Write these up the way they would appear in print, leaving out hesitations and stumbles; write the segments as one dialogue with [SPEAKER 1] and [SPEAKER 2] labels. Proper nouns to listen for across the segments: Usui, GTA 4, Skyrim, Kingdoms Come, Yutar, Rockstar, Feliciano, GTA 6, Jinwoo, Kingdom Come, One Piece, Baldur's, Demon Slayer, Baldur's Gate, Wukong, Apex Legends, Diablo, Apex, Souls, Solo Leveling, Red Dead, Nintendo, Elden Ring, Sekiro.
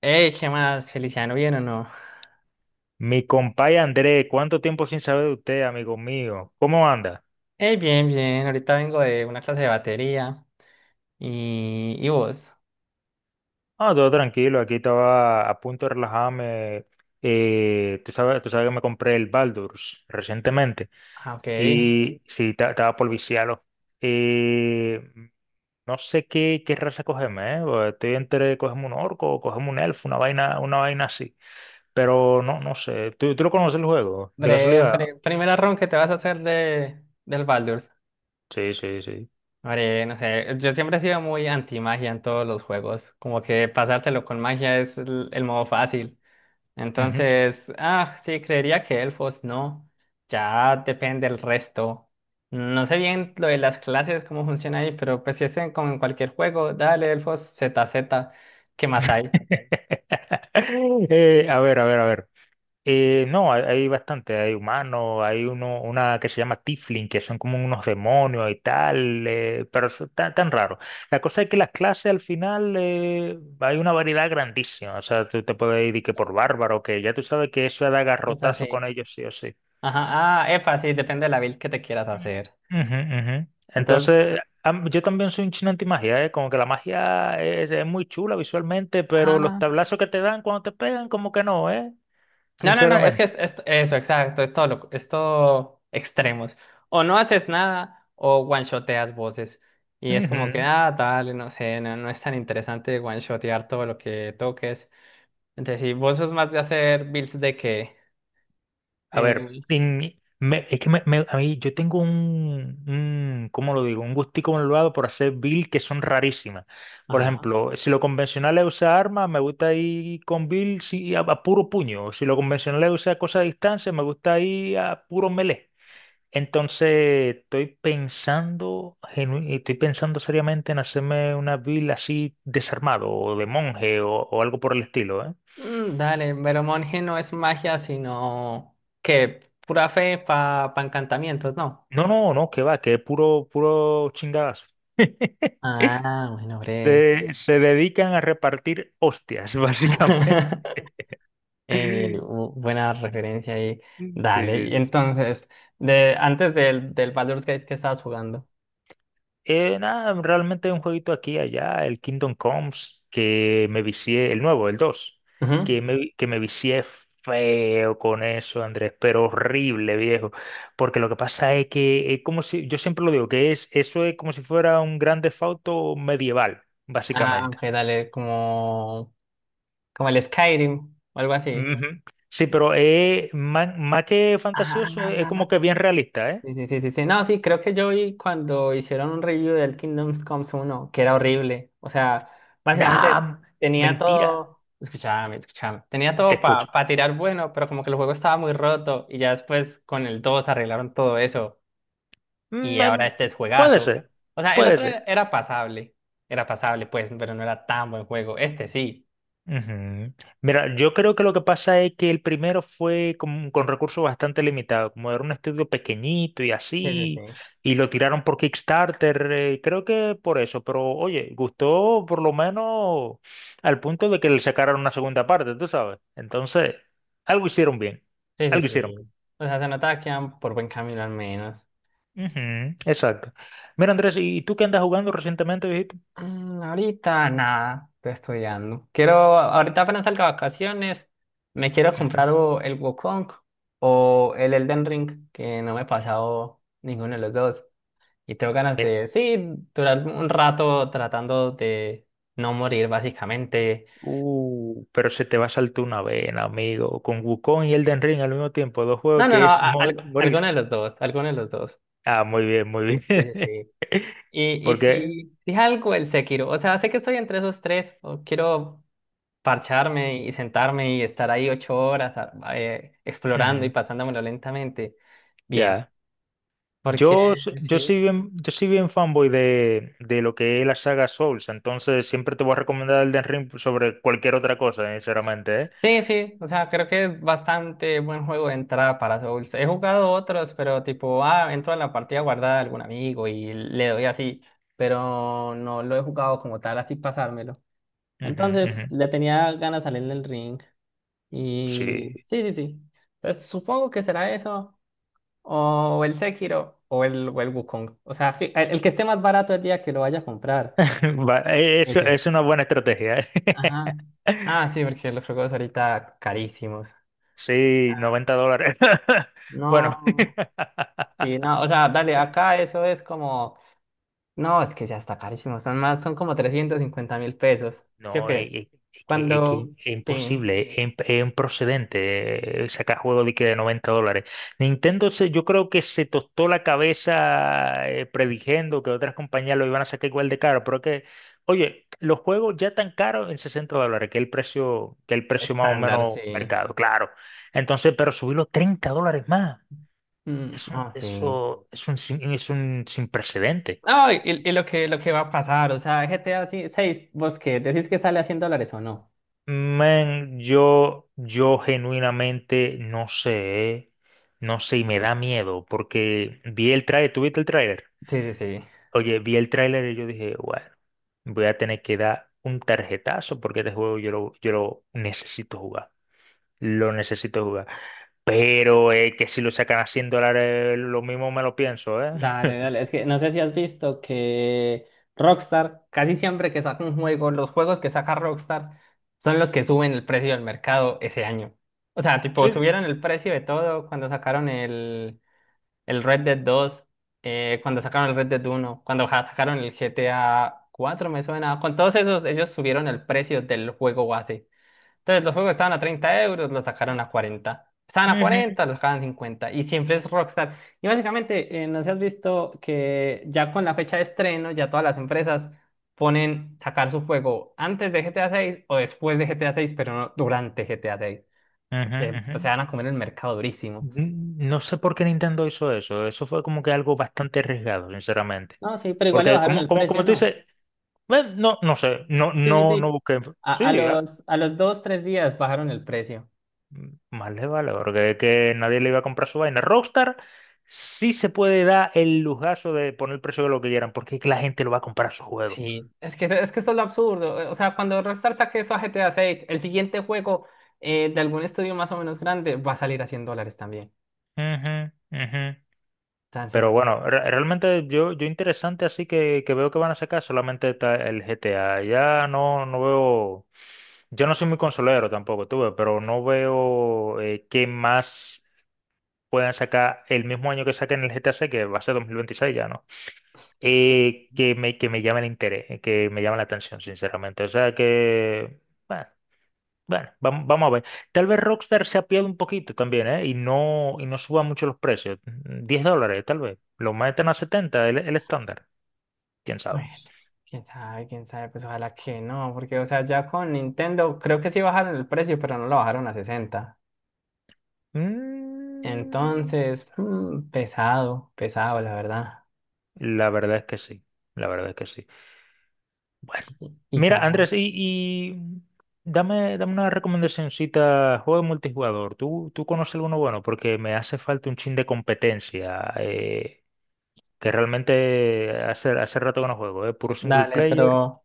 [SPEAKER 1] Hey, ¿qué más, Feliciano? ¿Bien o no?
[SPEAKER 2] Mi compay André, ¿cuánto tiempo sin saber de usted, amigo mío? ¿Cómo anda?
[SPEAKER 1] Hey, bien, bien. Ahorita vengo de una clase de batería. ¿Y vos?
[SPEAKER 2] Ah, todo tranquilo, aquí estaba a punto de relajarme. Tú sabes que me compré el Baldur's recientemente
[SPEAKER 1] Ah, ok.
[SPEAKER 2] y sí, estaba por viciarlo. Eh, no sé qué, qué raza cogerme, ¿eh? Porque estoy entre cogerme un orco o cogerme un elfo, una vaina así. Pero no, no sé. ¿Tú lo conoces el juego? ¿De
[SPEAKER 1] Breve,
[SPEAKER 2] casualidad?
[SPEAKER 1] primera run que te vas a hacer del Baldur's.
[SPEAKER 2] Sí, sí, sí.
[SPEAKER 1] Hombre, no sé. Yo siempre he sido muy anti-magia en todos los juegos. Como que pasárselo con magia es el modo fácil.
[SPEAKER 2] Ujú.
[SPEAKER 1] Entonces, sí, creería que elfos no. Ya depende el resto. No sé bien lo de las clases, cómo funciona ahí, pero pues si es como en cualquier juego, dale elfos z z, ¿qué más hay?
[SPEAKER 2] A ver, a ver, a ver. No, hay bastante, hay humanos, hay uno, una que se llama Tiflin, que son como unos demonios y tal, pero eso tan, tan raro. La cosa es que las clases al final hay una variedad grandísima, o sea, tú te puedes ir y que por bárbaro, que ya tú sabes que eso da
[SPEAKER 1] Epa,
[SPEAKER 2] garrotazo
[SPEAKER 1] sí.
[SPEAKER 2] con ellos sí o sí.
[SPEAKER 1] Ajá, ah, epa, sí, depende de la build que te quieras hacer.
[SPEAKER 2] Mm. Ujú, ujú.
[SPEAKER 1] Entonces,
[SPEAKER 2] Entonces, yo también soy un chino antimagia, ¿eh? Como que la magia es muy chula visualmente, pero los
[SPEAKER 1] ajá.
[SPEAKER 2] tablazos que te dan cuando te pegan, como que no, ¿eh?
[SPEAKER 1] No, no, no, es que
[SPEAKER 2] Sinceramente.
[SPEAKER 1] eso, exacto, es todo, es todo extremos. O no haces nada o one-shoteas voces. Y es como que,
[SPEAKER 2] Ujú.
[SPEAKER 1] ah, dale, no sé, no, no es tan interesante one-shotear todo lo que toques. Entonces, si vos sos más de hacer builds de que,
[SPEAKER 2] A ver,
[SPEAKER 1] eh,
[SPEAKER 2] es que a mí yo tengo un, ¿cómo lo digo? Un gustico malvado por hacer build que son rarísimas. Por
[SPEAKER 1] ajá,
[SPEAKER 2] ejemplo, si lo convencional es usar armas, me gusta ir con build sí, a puro puño. Si lo convencional es usar cosas a distancia, me gusta ir a puro melee. Entonces, estoy pensando, estoy pensando seriamente en hacerme una build así desarmado o de monje o algo por el estilo, ¿eh?
[SPEAKER 1] mm, dale, pero monje no es magia, sino que pura fe para pa pa encantamientos, ¿no?
[SPEAKER 2] No, no, no, que va, que es puro, puro chingadazo.
[SPEAKER 1] Ah, bueno, breve.
[SPEAKER 2] Se dedican a repartir hostias, básicamente. Sí,
[SPEAKER 1] Buena referencia ahí.
[SPEAKER 2] sí,
[SPEAKER 1] Dale.
[SPEAKER 2] sí.
[SPEAKER 1] Y
[SPEAKER 2] Sí.
[SPEAKER 1] entonces, de, antes del Baldur's Gate que estabas jugando.
[SPEAKER 2] Nada, realmente un jueguito aquí y allá, el Kingdom Comes, que me vicié, el nuevo, el 2,
[SPEAKER 1] Ujú.
[SPEAKER 2] que me vicié feo con eso, Andrés, pero horrible, viejo. Porque lo que pasa es que es como si, yo siempre lo digo, que es, eso es como si fuera un gran Theft Auto medieval,
[SPEAKER 1] Ah,
[SPEAKER 2] básicamente.
[SPEAKER 1] ok, dale, como, como el Skyrim o algo así.
[SPEAKER 2] Ujú. Sí, pero es más, más que
[SPEAKER 1] Ah,
[SPEAKER 2] fantasioso, es como que bien realista, ¿eh?
[SPEAKER 1] sí, sí, sí, sí, sí. No, sí, creo que yo vi cuando hicieron un review del Kingdoms Comes uno que era horrible. O sea, básicamente
[SPEAKER 2] Nah,
[SPEAKER 1] tenía
[SPEAKER 2] mentira.
[SPEAKER 1] todo, escuchame, escuchame, tenía
[SPEAKER 2] Te
[SPEAKER 1] todo
[SPEAKER 2] escucho.
[SPEAKER 1] para tirar bueno, pero como que el juego estaba muy roto y ya después con el 2 arreglaron todo eso. Y
[SPEAKER 2] Mm,
[SPEAKER 1] ahora
[SPEAKER 2] em,
[SPEAKER 1] este es
[SPEAKER 2] puede
[SPEAKER 1] juegazo.
[SPEAKER 2] ser,
[SPEAKER 1] O sea, el
[SPEAKER 2] puede
[SPEAKER 1] otro
[SPEAKER 2] ser.
[SPEAKER 1] era pasable. Era pasable, pues, pero no era tan buen juego. Este sí.
[SPEAKER 2] Ujú. Mira, yo creo que lo que pasa es que el primero fue con recursos bastante limitados, como era un estudio pequeñito y
[SPEAKER 1] Sí, sí, sí.
[SPEAKER 2] así, y lo tiraron por Kickstarter, creo que por eso, pero oye, gustó por lo menos al punto de que le sacaron una segunda parte, tú sabes. Entonces, algo hicieron bien,
[SPEAKER 1] Sí, sí,
[SPEAKER 2] algo hicieron bien.
[SPEAKER 1] sí. O sea, se notaba que iban por buen camino al menos.
[SPEAKER 2] Ujú, exacto. Mira, Andrés, ¿y tú qué andas jugando recientemente, dijiste?
[SPEAKER 1] Mm, ahorita nada, estoy estudiando. Quiero, ahorita apenas salga de vacaciones, me quiero
[SPEAKER 2] Ujú.
[SPEAKER 1] comprar o el Wukong o el Elden Ring, que no me he pasado ninguno de los dos. Y tengo ganas
[SPEAKER 2] Mira.
[SPEAKER 1] de, sí, durar un rato tratando de no morir, básicamente.
[SPEAKER 2] Pero se te va a saltar una vena, amigo. Con Wukong y Elden Ring al mismo tiempo, dos
[SPEAKER 1] No,
[SPEAKER 2] juegos
[SPEAKER 1] no,
[SPEAKER 2] que
[SPEAKER 1] no,
[SPEAKER 2] es
[SPEAKER 1] alguno
[SPEAKER 2] morir.
[SPEAKER 1] de los dos, alguno de los dos.
[SPEAKER 2] Ah, muy bien, muy
[SPEAKER 1] Sí,
[SPEAKER 2] bien.
[SPEAKER 1] sí, sí. Y, y
[SPEAKER 2] Porque,
[SPEAKER 1] si, si algo el Sekiro, o sea, sé que estoy entre esos tres, o quiero parcharme y sentarme y estar ahí 8 horas explorando y
[SPEAKER 2] ujú,
[SPEAKER 1] pasándomelo lentamente. Bien,
[SPEAKER 2] ya.
[SPEAKER 1] porque sí.
[SPEAKER 2] Yo soy bien fanboy de lo que es la saga Souls, entonces siempre te voy a recomendar Elden Ring sobre cualquier otra cosa, sinceramente, ¿eh?
[SPEAKER 1] Sí, sí, o sea, creo que es bastante buen juego de entrada para Souls. He jugado otros, pero tipo, ah, entro a la partida guardada de algún amigo y le doy así, pero no lo he jugado como tal, así pasármelo.
[SPEAKER 2] Ujú,
[SPEAKER 1] Entonces
[SPEAKER 2] ujú.
[SPEAKER 1] le tenía ganas de salir del ring. Y
[SPEAKER 2] Sí.
[SPEAKER 1] sí, sí, sí. Entonces supongo que será eso. O el Sekiro o el Wukong. O sea, el que esté más barato el día que lo vaya a comprar.
[SPEAKER 2] Va, Es,
[SPEAKER 1] Ese.
[SPEAKER 2] es una buena estrategia, ¿eh?
[SPEAKER 1] Ajá. Ah, sí, porque los juegos ahorita carísimos.
[SPEAKER 2] Sí, $90. Bueno.
[SPEAKER 1] No, sí, no. O sea, dale, acá eso es como. No, es que ya está carísimo. Son más, son como 350.000 pesos. ¿Sí o
[SPEAKER 2] No,
[SPEAKER 1] qué?
[SPEAKER 2] es que, es que
[SPEAKER 1] Cuando.
[SPEAKER 2] es
[SPEAKER 1] Sí,
[SPEAKER 2] imposible, es improcedente sacar juegos de que de $90. Nintendo se, yo creo que se tostó la cabeza predigiendo que otras compañías lo iban a sacar igual de caro, pero que, oye, los juegos ya tan caros en $60, que es el precio, que es el precio más o
[SPEAKER 1] estándar,
[SPEAKER 2] menos
[SPEAKER 1] sí.
[SPEAKER 2] mercado, claro. Entonces, pero subirlo $30 más,
[SPEAKER 1] Mm,
[SPEAKER 2] eso,
[SPEAKER 1] ah, sí.
[SPEAKER 2] eso es un, es un sin precedente.
[SPEAKER 1] No, y lo que va a pasar, o sea, GTA 6, vos qué decís que sale a $100 o no.
[SPEAKER 2] Man, yo genuinamente no sé, eh. No sé, y me da miedo, porque vi el tráiler, ¿tú viste el tráiler?
[SPEAKER 1] Sí, sí, sí.
[SPEAKER 2] Oye, vi el tráiler y yo dije, bueno, voy a tener que dar un tarjetazo porque este juego yo lo necesito jugar, lo necesito jugar. Pero que si lo sacan a $100, lo mismo me lo pienso, ¿eh?
[SPEAKER 1] Dale, dale, es que no sé si has visto que Rockstar, casi siempre que saca un juego, los juegos que saca Rockstar son los que suben el precio del mercado ese año. O sea, tipo,
[SPEAKER 2] Sí.
[SPEAKER 1] subieron el precio de todo cuando sacaron el Red Dead dos, cuando sacaron el Red Dead uno cuando sacaron el GTA cuatro me suena. Con todos esos, ellos subieron el precio del juego base. Entonces los juegos estaban a 30 euros, los sacaron a 40. Estaban a
[SPEAKER 2] Ujú,
[SPEAKER 1] 40, los sacaban a 50. Y siempre es Rockstar. Y básicamente, no sé si has visto que ya con la fecha de estreno, ya todas las empresas ponen sacar su juego antes de GTA 6 o después de GTA 6, pero no durante GTA 6.
[SPEAKER 2] ujú,
[SPEAKER 1] Porque pues, se
[SPEAKER 2] ujú.
[SPEAKER 1] van a comer el mercado durísimo.
[SPEAKER 2] Mm, no sé por qué Nintendo hizo eso. Eso fue como que algo bastante arriesgado, sinceramente.
[SPEAKER 1] No, sí, pero igual le
[SPEAKER 2] Porque
[SPEAKER 1] bajaron
[SPEAKER 2] como,
[SPEAKER 1] el
[SPEAKER 2] como,
[SPEAKER 1] precio,
[SPEAKER 2] como tú
[SPEAKER 1] ¿no?
[SPEAKER 2] dices, bueno, no, no sé, no,
[SPEAKER 1] Sí, sí,
[SPEAKER 2] no, no
[SPEAKER 1] sí.
[SPEAKER 2] busqué.
[SPEAKER 1] A, a
[SPEAKER 2] Sí, ya,
[SPEAKER 1] los, a los dos, tres días bajaron el precio.
[SPEAKER 2] mm, más le vale, porque es que nadie le iba a comprar su vaina. Rockstar sí se puede dar el lujazo de poner el precio de lo que quieran, porque es que la gente lo va a comprar su juego.
[SPEAKER 1] Sí, es que esto es lo absurdo. Eh, o sea, cuando Rockstar saque eso a GTA 6, el siguiente juego, de algún estudio más o menos grande va a salir a $100 también.
[SPEAKER 2] Ujú, ujú. Pero
[SPEAKER 1] Entonces,
[SPEAKER 2] bueno, realmente yo, yo interesante así que veo que van a sacar solamente está el GTA. Ya no, no veo. Yo no soy muy consolero tampoco, tuve, pero no veo qué más puedan sacar el mismo año que saquen el GTA 6, que va a ser 2026 ya, ¿no? Que me, que me llame el interés, que me llame la atención, sinceramente. O sea que, bueno, bueno, vamos, a ver. Tal vez Rockstar se apiade un poquito también, ¿eh? Y no suba mucho los precios. $10, tal vez. Lo meten a 70 el estándar. ¿Quién sabe?
[SPEAKER 1] bueno, quién sabe, pues ojalá que no, porque, o sea, ya con Nintendo creo que sí bajaron el precio, pero no lo bajaron a 60.
[SPEAKER 2] Mm,
[SPEAKER 1] Entonces, mm, pesado, pesado, la verdad.
[SPEAKER 2] la verdad es que sí, la verdad es que sí. Bueno.
[SPEAKER 1] Y
[SPEAKER 2] Mira,
[SPEAKER 1] ya,
[SPEAKER 2] Andrés, y dame, dame una recomendacióncita, juego de multijugador. ¿Tú, tú conoces alguno bueno? Porque me hace falta un chin de competencia, que realmente hace, hace rato que no juego, es puro single
[SPEAKER 1] dale,
[SPEAKER 2] player.
[SPEAKER 1] pero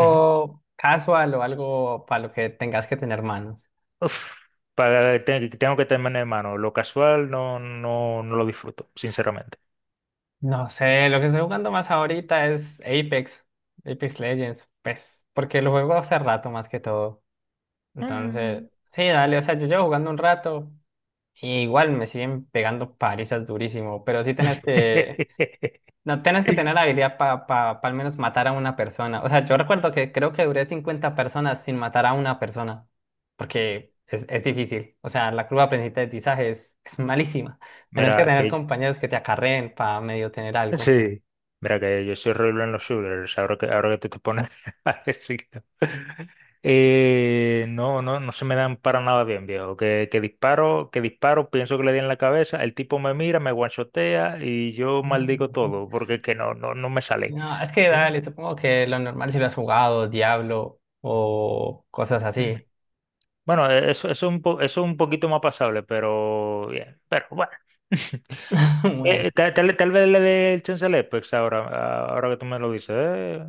[SPEAKER 2] Ujú.
[SPEAKER 1] casual o algo para lo que tengas que tener manos.
[SPEAKER 2] Uf, para, tengo que tener en mano. Lo casual no, no, no lo disfruto, sinceramente.
[SPEAKER 1] No sé, lo que estoy jugando más ahorita es Apex, Apex Legends, pues, porque lo juego hace rato más que todo. Entonces,
[SPEAKER 2] Mm.
[SPEAKER 1] sí, dale, o sea, yo llevo jugando un rato y igual me siguen pegando palizas durísimo, pero sí tenés que, no, tenés que tener habilidad para pa, pa pa al menos matar a una persona. O sea, yo recuerdo que creo que duré 50 personas sin matar a una persona, porque es difícil. O sea, la curva de aprendizaje es malísima. Tenés que
[SPEAKER 2] Mira,
[SPEAKER 1] tener
[SPEAKER 2] que
[SPEAKER 1] compañeros que te acarreen para medio tener algo.
[SPEAKER 2] sí, mira que yo soy horrible en los shooters, ahora que tú te pones a decirlo. No, no, no se me dan para nada bien, viejo. Que disparo, pienso que le di en la cabeza, el tipo me mira, me guanchotea y yo
[SPEAKER 1] Ah,
[SPEAKER 2] maldigo
[SPEAKER 1] ujú.
[SPEAKER 2] todo, porque es que no, no, no me sale.
[SPEAKER 1] No, es que
[SPEAKER 2] Sí.
[SPEAKER 1] dale, supongo que lo normal si lo has jugado, Diablo o cosas
[SPEAKER 2] Ujú.
[SPEAKER 1] así.
[SPEAKER 2] Bueno, e, eso, es un eso es un poquito más pasable, pero bien, pero bueno.
[SPEAKER 1] Bueno,
[SPEAKER 2] Tal, tal vez le dé el chance al Apex ahora, ahora que tú me lo dices.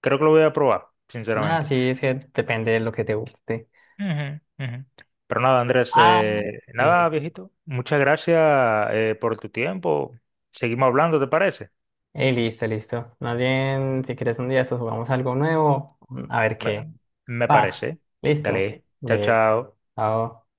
[SPEAKER 2] Creo que lo voy a probar,
[SPEAKER 1] nada,
[SPEAKER 2] sinceramente.
[SPEAKER 1] sí, es que depende de lo que te guste.
[SPEAKER 2] Ujú, ujú. Pero nada, Andrés,
[SPEAKER 1] Ah, sí, sí,
[SPEAKER 2] nada,
[SPEAKER 1] sí.
[SPEAKER 2] viejito. Muchas gracias por tu tiempo. Seguimos hablando, ¿te parece?
[SPEAKER 1] Listo, listo. Más bien, si quieres un día, eso jugamos algo nuevo. A ver
[SPEAKER 2] Me,
[SPEAKER 1] qué.
[SPEAKER 2] me
[SPEAKER 1] Va,
[SPEAKER 2] parece.
[SPEAKER 1] listo.
[SPEAKER 2] Dale, chao,
[SPEAKER 1] Ve,
[SPEAKER 2] chao.
[SPEAKER 1] chao.